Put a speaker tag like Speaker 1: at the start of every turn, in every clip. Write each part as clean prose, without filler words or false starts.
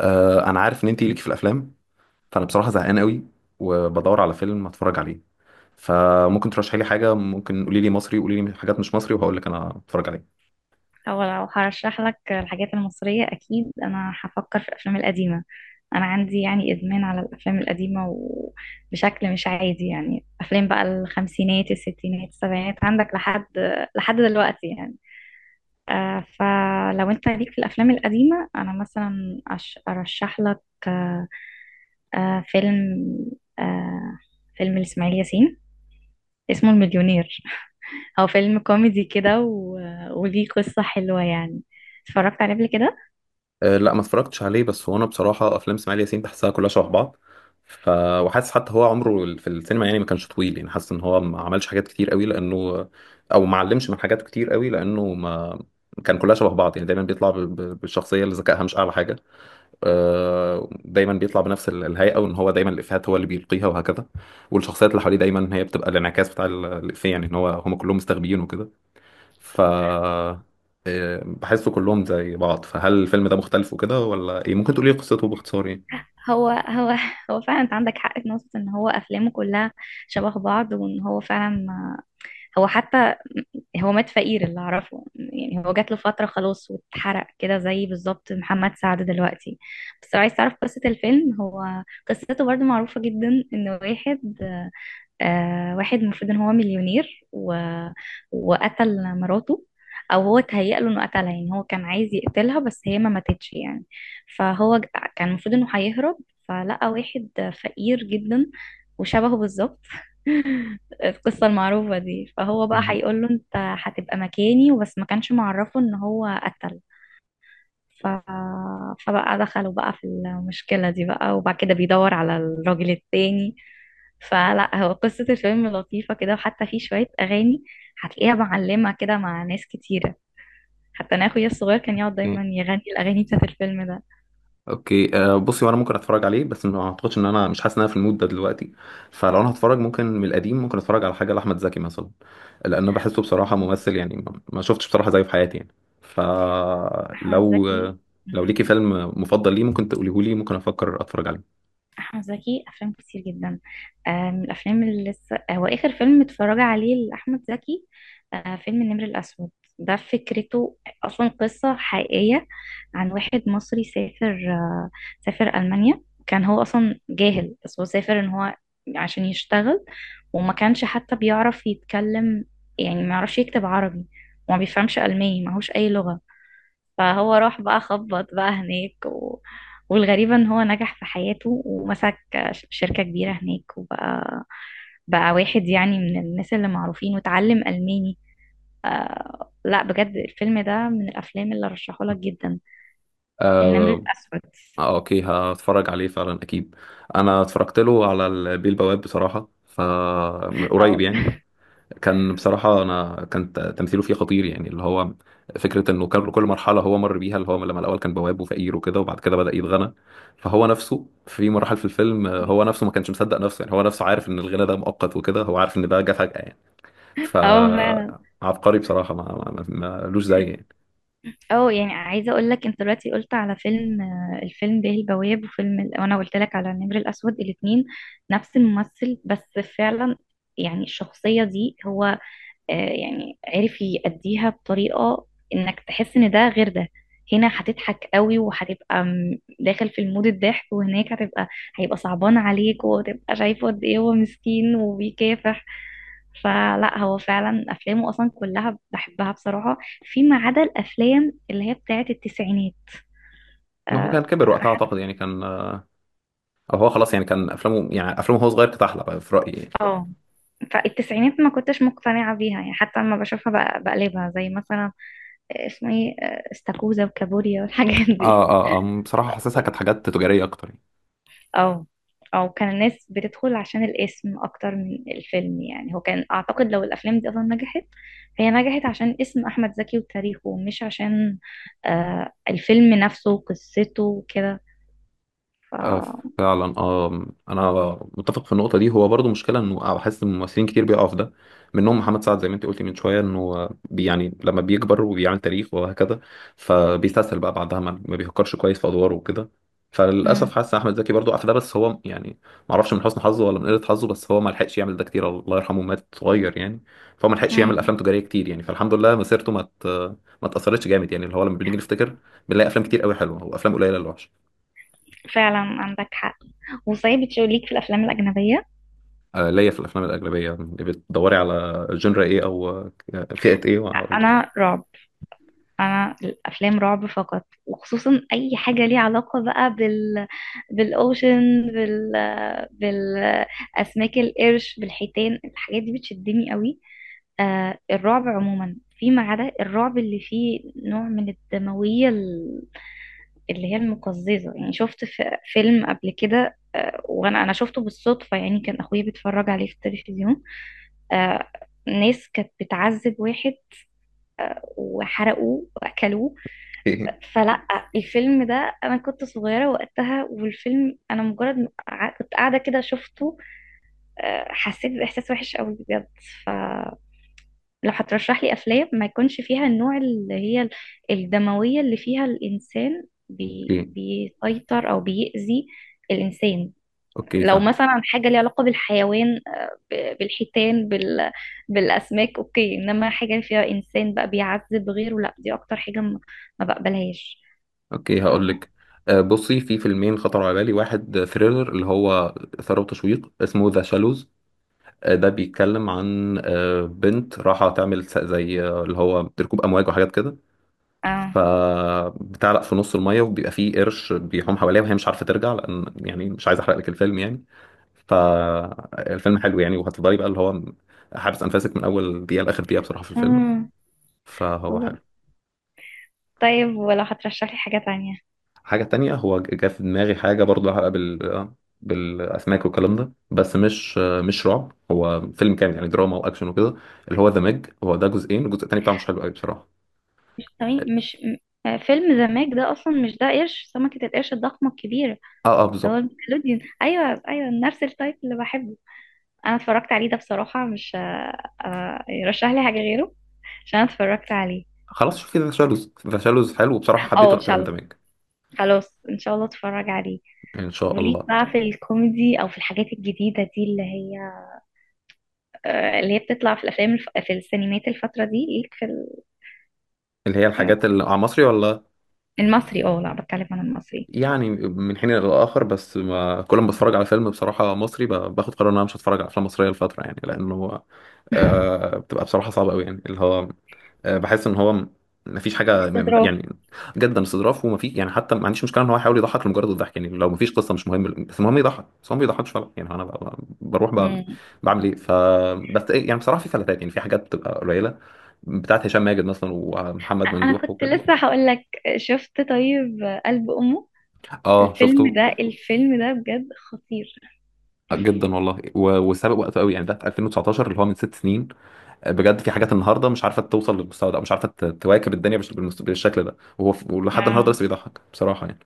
Speaker 1: آه، انا عارف ان انت ليكي في الافلام. فانا بصراحه زهقان قوي وبدور على فيلم اتفرج عليه، فممكن ترشحي لي حاجه، ممكن قولي لي مصري قولي لي حاجات مش مصري وهقول لك انا اتفرج عليه.
Speaker 2: هو لو هرشح لك الحاجات المصرية أكيد أنا هفكر في الأفلام القديمة. أنا عندي يعني إدمان على الأفلام القديمة وبشكل مش عادي، يعني أفلام بقى الخمسينات الستينات السبعينات عندك لحد دلوقتي يعني. فلو أنت ليك في الأفلام القديمة أنا مثلا أرشح لك. آه فيلم آه فيلم لإسماعيل ياسين اسمه المليونير. هو فيلم كوميدي كده و... وليه قصة حلوة يعني. اتفرجت عليه قبل كده.
Speaker 1: أه لا، ما اتفرجتش عليه، بس هو انا بصراحه افلام اسماعيل ياسين بحسها كلها شبه بعض. ف وحاسس حتى هو عمره في السينما يعني ما كانش طويل، يعني حاسس ان هو ما عملش حاجات كتير قوي لانه او ما علمش من حاجات كتير قوي لانه ما كان كلها شبه بعض. يعني دايما بيطلع بالشخصيه اللي ذكائها مش اعلى حاجه. آه، دايما بيطلع بنفس الهيئه، وان هو دايما الافيهات هو اللي بيلقيها وهكذا. والشخصيات اللي حواليه دايما هي بتبقى الانعكاس بتاع الافيه، يعني ان هو هم كلهم مستخبيين وكده. ف آه، بحسه كلهم زي بعض. فهل الفيلم ده مختلف وكده ولا ايه؟ ممكن تقولي قصته باختصار يعني.
Speaker 2: هو هو هو فعلا انت عندك حق في نقطة ان هو افلامه كلها شبه بعض، وان هو فعلا ما... هو حتى هو مات فقير اللي اعرفه يعني. هو جات له فترة خلاص واتحرق كده، زي بالظبط محمد سعد دلوقتي. بس لو عايز تعرف قصة الفيلم، هو قصته برضو معروفة جدا ان واحد المفروض ان هو مليونير و... وقتل مراته، او هو تهيأ له انه قتلها، يعني هو كان عايز يقتلها بس هي ما ماتتش يعني. فهو ج- كان المفروض انه هيهرب، فلقى واحد فقير جدا وشبهه بالظبط. القصة المعروفة دي، فهو بقى
Speaker 1: مهم.
Speaker 2: هيقول له انت هتبقى مكاني، وبس ما كانش معرفه ان هو قتل. ف... فبقى دخلوا بقى في المشكلة دي بقى، وبعد كده بيدور على الراجل التاني. فلا هو قصة الفيلم لطيفة كده، وحتى في شوية أغاني هتلاقيها معلمة كده مع ناس كتيرة، حتى أنا أخويا الصغير كان يقعد دايما يغني الأغاني بتاعت الفيلم ده.
Speaker 1: اوكي آه، بصي وانا ممكن اتفرج عليه، بس ما اعتقدش ان انا، مش حاسس ان انا في المود ده دلوقتي. فلو انا هتفرج ممكن من القديم، ممكن اتفرج على حاجه لاحمد زكي مثلا، لان بحسه بصراحه ممثل يعني ما شفتش بصراحه زيه في حياتي يعني.
Speaker 2: أحمد
Speaker 1: فلو
Speaker 2: زكي.
Speaker 1: لو
Speaker 2: مم.
Speaker 1: ليكي فيلم مفضل ليه ممكن تقوليه لي، ممكن افكر اتفرج عليه.
Speaker 2: أحمد زكي أفلام كتير جدا. من الأفلام اللي لسه هو آخر فيلم اتفرج عليه لأحمد زكي، فيلم النمر الأسود. ده فكرته أصلا قصة حقيقية، عن واحد مصري سافر، سافر ألمانيا. كان هو أصلا جاهل، بس هو سافر إن هو عشان يشتغل، وما كانش حتى بيعرف يتكلم، يعني ما يعرفش يكتب عربي، وما بيفهمش ألماني، معهوش أي لغة. فهو راح بقى خبط بقى هناك و... والغريبة ان هو نجح في حياته، ومسك شركة كبيرة هناك، بقى واحد يعني من الناس اللي معروفين، وتعلم ألماني. لا بجد الفيلم ده من الافلام اللي رشحه لك جدا. النمر
Speaker 1: آه.
Speaker 2: الاسود.
Speaker 1: آه، اوكي هتفرج عليه فعلا اكيد. انا اتفرجت له على البيه البواب بصراحه، من قريب
Speaker 2: اه.
Speaker 1: يعني. كان بصراحة أنا كان تمثيله فيه خطير يعني، اللي هو فكرة إنه كان كل مرحلة هو مر بيها، اللي هو لما الأول كان بواب وفقير وكده وبعد كده بدأ يتغنى. فهو نفسه في مراحل في الفيلم، آه، هو نفسه ما كانش مصدق نفسه، يعني هو نفسه عارف إن الغنى ده مؤقت وكده، هو عارف إن ده جه فجأة يعني.
Speaker 2: اه فعلا.
Speaker 1: فعبقري بصراحة، ملوش زي يعني.
Speaker 2: اه يعني عايزه اقول لك، انت دلوقتي قلت على فيلم، الفيلم بيه البواب، وانا قلت لك على النمر الاسود، الاثنين نفس الممثل بس فعلا. يعني الشخصيه دي هو يعني عرف يأديها بطريقة انك تحس ان ده غير ده. هنا هتضحك قوي وهتبقى داخل في المود الضحك، وهناك هيبقى صعبان عليك، وهتبقى شايفه قد ايه هو مسكين وبيكافح. فلا هو فعلا افلامه اصلا كلها بحبها بصراحة، فيما عدا الافلام اللي هي بتاعت التسعينات. آه،
Speaker 1: ما هو كان كبر
Speaker 2: أنا
Speaker 1: وقتها
Speaker 2: حتى-
Speaker 1: أعتقد، يعني كان آه، أو هو خلاص يعني كان أفلامه، يعني أفلامه هو صغير كانت أحلى بقى في رأيي يعني.
Speaker 2: اه فالتسعينات ما كنتش مقتنعة بيها، يعني حتى لما بشوفها بقلبها، زي مثلا اسمه ايه، استاكوزا وكابوريا والحاجات دي.
Speaker 1: آه آه آه، بصراحة حاسسها كانت حاجات تجارية أكتر يعني.
Speaker 2: او او كان الناس بتدخل عشان الاسم اكتر من الفيلم، يعني هو كان اعتقد لو الافلام دي اصلا نجحت، فهي نجحت عشان اسم احمد زكي وتاريخه، مش عشان الفيلم نفسه وقصته وكده. ف
Speaker 1: آه، فعلا اه انا متفق في النقطه دي. هو برضو مشكله انه حاسس ان ممثلين كتير بيقعوا في ده، منهم محمد سعد زي ما انت قلتي من شويه، انه يعني لما بيكبر وبيعمل تاريخ وهكذا فبيستسهل بقى بعدها، ما بيفكرش كويس في ادواره وكده.
Speaker 2: مم.
Speaker 1: فللاسف حاسس ان احمد زكي برضو قاع في ده، بس هو يعني ما اعرفش من حسن حظه ولا من قله حظه، بس هو ما لحقش يعمل ده كتير، الله يرحمه مات صغير يعني. فهو ما لحقش يعمل
Speaker 2: مم.
Speaker 1: افلام تجاريه كتير يعني، فالحمد لله مسيرته ما اتاثرتش جامد، يعني اللي هو لما بنيجي نفتكر بنلاقي افلام كتير قوي حلوه وافلام قليله اللي وحشه.
Speaker 2: فعلا عندك حق. وصحيح بتشوف ليك في الافلام الاجنبيه؟
Speaker 1: آه، ليا في الافلام الاجنبيه. يعني بتدوري على جنرا ايه او آه، فئه ايه وهقول لك؟
Speaker 2: انا رعب. انا الافلام رعب فقط، وخصوصا اي حاجه ليها علاقه بقى بالاوشن، بالاسماك، القرش، بالحيتان، الحاجات دي بتشدني قوي. آه الرعب عموما، فيما عدا الرعب اللي فيه نوع من الدمويه، اللي هي المقززه. يعني شفت في فيلم قبل كده آه، وانا انا شفته بالصدفه، يعني كان اخويا بيتفرج عليه في التلفزيون. آه، ناس كانت بتعذب واحد وحرقوه واكلوه.
Speaker 1: ايه.
Speaker 2: فلا الفيلم ده، انا كنت صغيره وقتها، والفيلم انا مجرد ما كنت قاعده كده شفته، حسيت باحساس وحش قوي بجد. فلو هترشح لي افلام ما يكونش فيها النوع اللي هي الدمويه اللي فيها الانسان
Speaker 1: ايه
Speaker 2: بيسيطر او بيأذي الانسان.
Speaker 1: اوكي
Speaker 2: لو
Speaker 1: فاهم.
Speaker 2: مثلا حاجه ليها علاقه بالحيوان، بالحيتان، بالاسماك، اوكي، انما حاجه فيها انسان بقى بيعذب غيره، لا دي اكتر حاجه ما بقبلهاش.
Speaker 1: اوكي
Speaker 2: ف-
Speaker 1: هقول لك، آه، بصي في فيلمين خطروا على بالي. واحد ثريلر اللي هو ثروة وتشويق اسمه ذا شالوز. ده بيتكلم عن آه، بنت راحة تعمل زي آه، اللي هو ركوب أمواج وحاجات كده،
Speaker 2: اه.
Speaker 1: فبتعلق في نص المية وبيبقى فيه قرش بيحوم حواليها وهي مش عارفة ترجع، لأن يعني مش عايز أحرق لك الفيلم يعني. فالفيلم حلو يعني، وهتفضلي بقى اللي هو حابس أنفاسك من أول دقيقة لآخر دقيقة بصراحة في الفيلم.
Speaker 2: امم
Speaker 1: فهو
Speaker 2: بالظبط.
Speaker 1: حلو.
Speaker 2: طيب، ولو هترشح لي حاجة تانية؟
Speaker 1: حاجة تانية هو جه في دماغي حاجة برضه لها علاقة بالأسماك والكلام ده، بس مش رعب، هو فيلم كامل يعني دراما وأكشن وكده، اللي هو ذا ميج. هو ده جزئين، الجزء التاني بتاعه مش حلو قوي بصراحة.
Speaker 2: تمام. مش م- فيلم ذا ماج ده، اصلا مش ده قرش سمكة القرش الضخمة الكبيرة؟
Speaker 1: اه اه
Speaker 2: ده هو
Speaker 1: بالظبط.
Speaker 2: النيكلوديون، ايوه ايوه، نفس التايب اللي بحبه. انا اتفرجت عليه ده بصراحة، مش يرشح لي حاجة غيره عشان أنا اتفرجت عليه.
Speaker 1: خلاص شوفي ذا شالوز، ذا شالوز حلو وبصراحة
Speaker 2: او
Speaker 1: حبيته
Speaker 2: ان
Speaker 1: أكتر
Speaker 2: شاء
Speaker 1: من ذا
Speaker 2: الله.
Speaker 1: ميج.
Speaker 2: خلاص ان شاء الله اتفرج عليه.
Speaker 1: إن شاء
Speaker 2: وليك
Speaker 1: الله.
Speaker 2: بقى في الكوميدي او في الحاجات الجديدة دي اللي هي اللي هي بتطلع في في السينمات الفترة دي، ليك في
Speaker 1: اللي هي
Speaker 2: آه،
Speaker 1: الحاجات اللي على مصري ولا؟
Speaker 2: المصري؟ اه لا، بتكلم عن المصري.
Speaker 1: يعني من حين لآخر، بس ما كل ما بتفرج على فيلم بصراحة مصري باخد قرار ان انا مش هتفرج على افلام مصرية لفترة، يعني لانه آه بتبقى بصراحة صعبة قوي، يعني اللي هو آه بحس ان هو ما فيش حاجة
Speaker 2: استظراف.
Speaker 1: يعني جدا استظراف. وما في يعني حتى ما عنديش مشكلة ان هو يحاول يضحك لمجرد الضحك، يعني لو ما فيش قصة مش مهم بس المهم يضحك، بس هو ما بيضحكش فعلا، يعني انا بروح
Speaker 2: امم
Speaker 1: بعمل ايه بس إيه، يعني بصراحة في فلاتات، يعني في حاجات بتبقى قليلة بتاعت هشام ماجد مثلا ومحمد
Speaker 2: انا
Speaker 1: ممدوح
Speaker 2: كنت
Speaker 1: وكده.
Speaker 2: لسه هقول لك، شفت طيب قلب امه؟
Speaker 1: اه
Speaker 2: الفيلم
Speaker 1: شفته.
Speaker 2: ده الفيلم ده بجد خطير.
Speaker 1: جدا والله، وسابق وقته قوي يعني، ده في 2019 اللي هو من 6 سنين. آه، بجد في حاجات النهارده مش عارفه توصل للمستوى ده، او مش عارفه تواكب الدنيا بالشكل ده، وهو ولحد
Speaker 2: اه
Speaker 1: النهارده لسه بيضحك بصراحه يعني.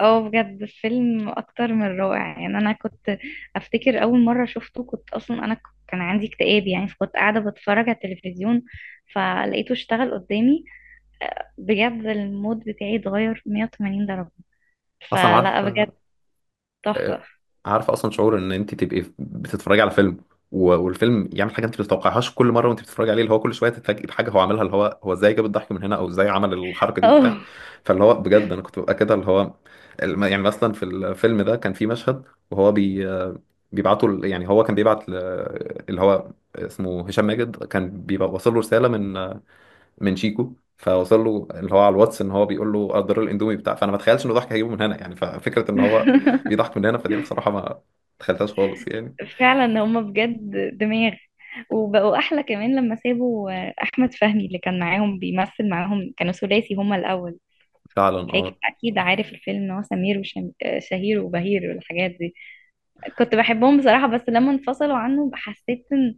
Speaker 2: اه، بجد فيلم اكتر من رائع. يعني انا كنت افتكر اول مره شفته، كنت اصلا انا كان عندي اكتئاب، يعني فكنت قاعده بتفرج على التلفزيون فلقيته اشتغل قدامي، بجد المود بتاعي اتغير 180 درجه.
Speaker 1: اصلا
Speaker 2: فلا
Speaker 1: عارف
Speaker 2: بجد
Speaker 1: آه،
Speaker 2: تحفه.
Speaker 1: عارفه اصلا شعور ان انت تبقي بتتفرجي على فيلم والفيلم يعمل حاجه انت ما تتوقعهاش كل مره وانت بتتفرجي عليه، اللي هو كل شويه تتفاجئي بحاجه هو عاملها، اللي هو هو ازاي جاب الضحك من هنا او ازاي عمل الحركه دي بتاع.
Speaker 2: اه.
Speaker 1: فاللي هو بجد انا كنت ببقى كده، اللي هو يعني مثلا في الفيلم ده كان في مشهد، وهو بيبعتوا يعني هو كان بيبعت اللي هو اسمه هشام ماجد، كان بيبقى واصل له رساله من شيكو، فوصل له اللي هو على الواتس ان هو بيقول له قدر الاندومي بتاع، فانا ما اتخيلش انه ضحك هيجيبه من هنا يعني. ففكره ان هو بيضحك من هنا، فدي بصراحه ما تخيلتهاش خالص يعني.
Speaker 2: فعلا هما بجد دماغ. وبقوا احلى كمان لما سابوا احمد فهمي اللي كان معاهم بيمثل معاهم، كانوا ثلاثي هما الاول.
Speaker 1: فعلا اه.
Speaker 2: اكيد عارف الفيلم ان هو سمير وشهير وبهير والحاجات دي. كنت بحبهم بصراحة، بس لما انفصلوا عنه حسيت ان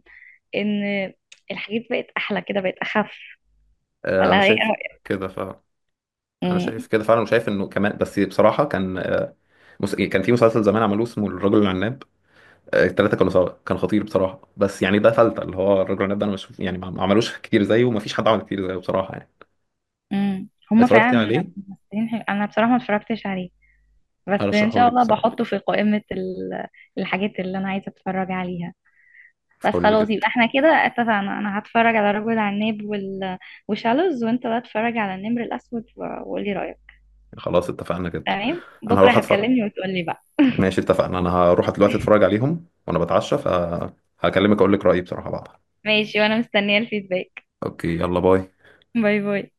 Speaker 2: إن الحاجات بقت احلى كده، بقت اخف.
Speaker 1: آه،
Speaker 2: ولا
Speaker 1: انا
Speaker 2: ايه
Speaker 1: شايف
Speaker 2: رأيك؟
Speaker 1: كده فعلا. انا
Speaker 2: مم،
Speaker 1: شايف كده فعلا، وشايف انه كمان بس بصراحه كان آه، كان في مسلسل زمان عملوه اسمه الرجل العناب. آه، التلاته كانوا سوا كان خطير بصراحه، بس يعني ده فلتة اللي هو الرجل العناب ده، انا مش يعني ما عملوش كتير زيه، وما فيش حد عمل كتير زيه بصراحه يعني.
Speaker 2: مم. هما
Speaker 1: اتفرجت
Speaker 2: فعلا
Speaker 1: عليه.
Speaker 2: ممثلين حلو. انا بصراحة ما اتفرجتش عليه، بس ان
Speaker 1: هرشحه
Speaker 2: شاء
Speaker 1: لك
Speaker 2: الله
Speaker 1: بصراحه
Speaker 2: بحطه في قائمة الحاجات اللي انا عايزة اتفرج عليها. بس
Speaker 1: فل
Speaker 2: خلاص،
Speaker 1: جدا.
Speaker 2: يبقى احنا كده اتفقنا. انا هتفرج على رجل عناب وشالوز، وانت بقى اتفرج على النمر الاسود وقولي رايك.
Speaker 1: خلاص اتفقنا جدا.
Speaker 2: تمام،
Speaker 1: انا
Speaker 2: بكره
Speaker 1: هروح اتفرج.
Speaker 2: هتكلمني وتقولي بقى.
Speaker 1: ماشي اتفقنا، انا هروح دلوقتي اتفرج عليهم وانا بتعشى، فهكلمك اقول لك رأيي بصراحة بعدها.
Speaker 2: ماشي، وانا مستنيه الفيدباك.
Speaker 1: اوكي يلا باي.
Speaker 2: باي باي.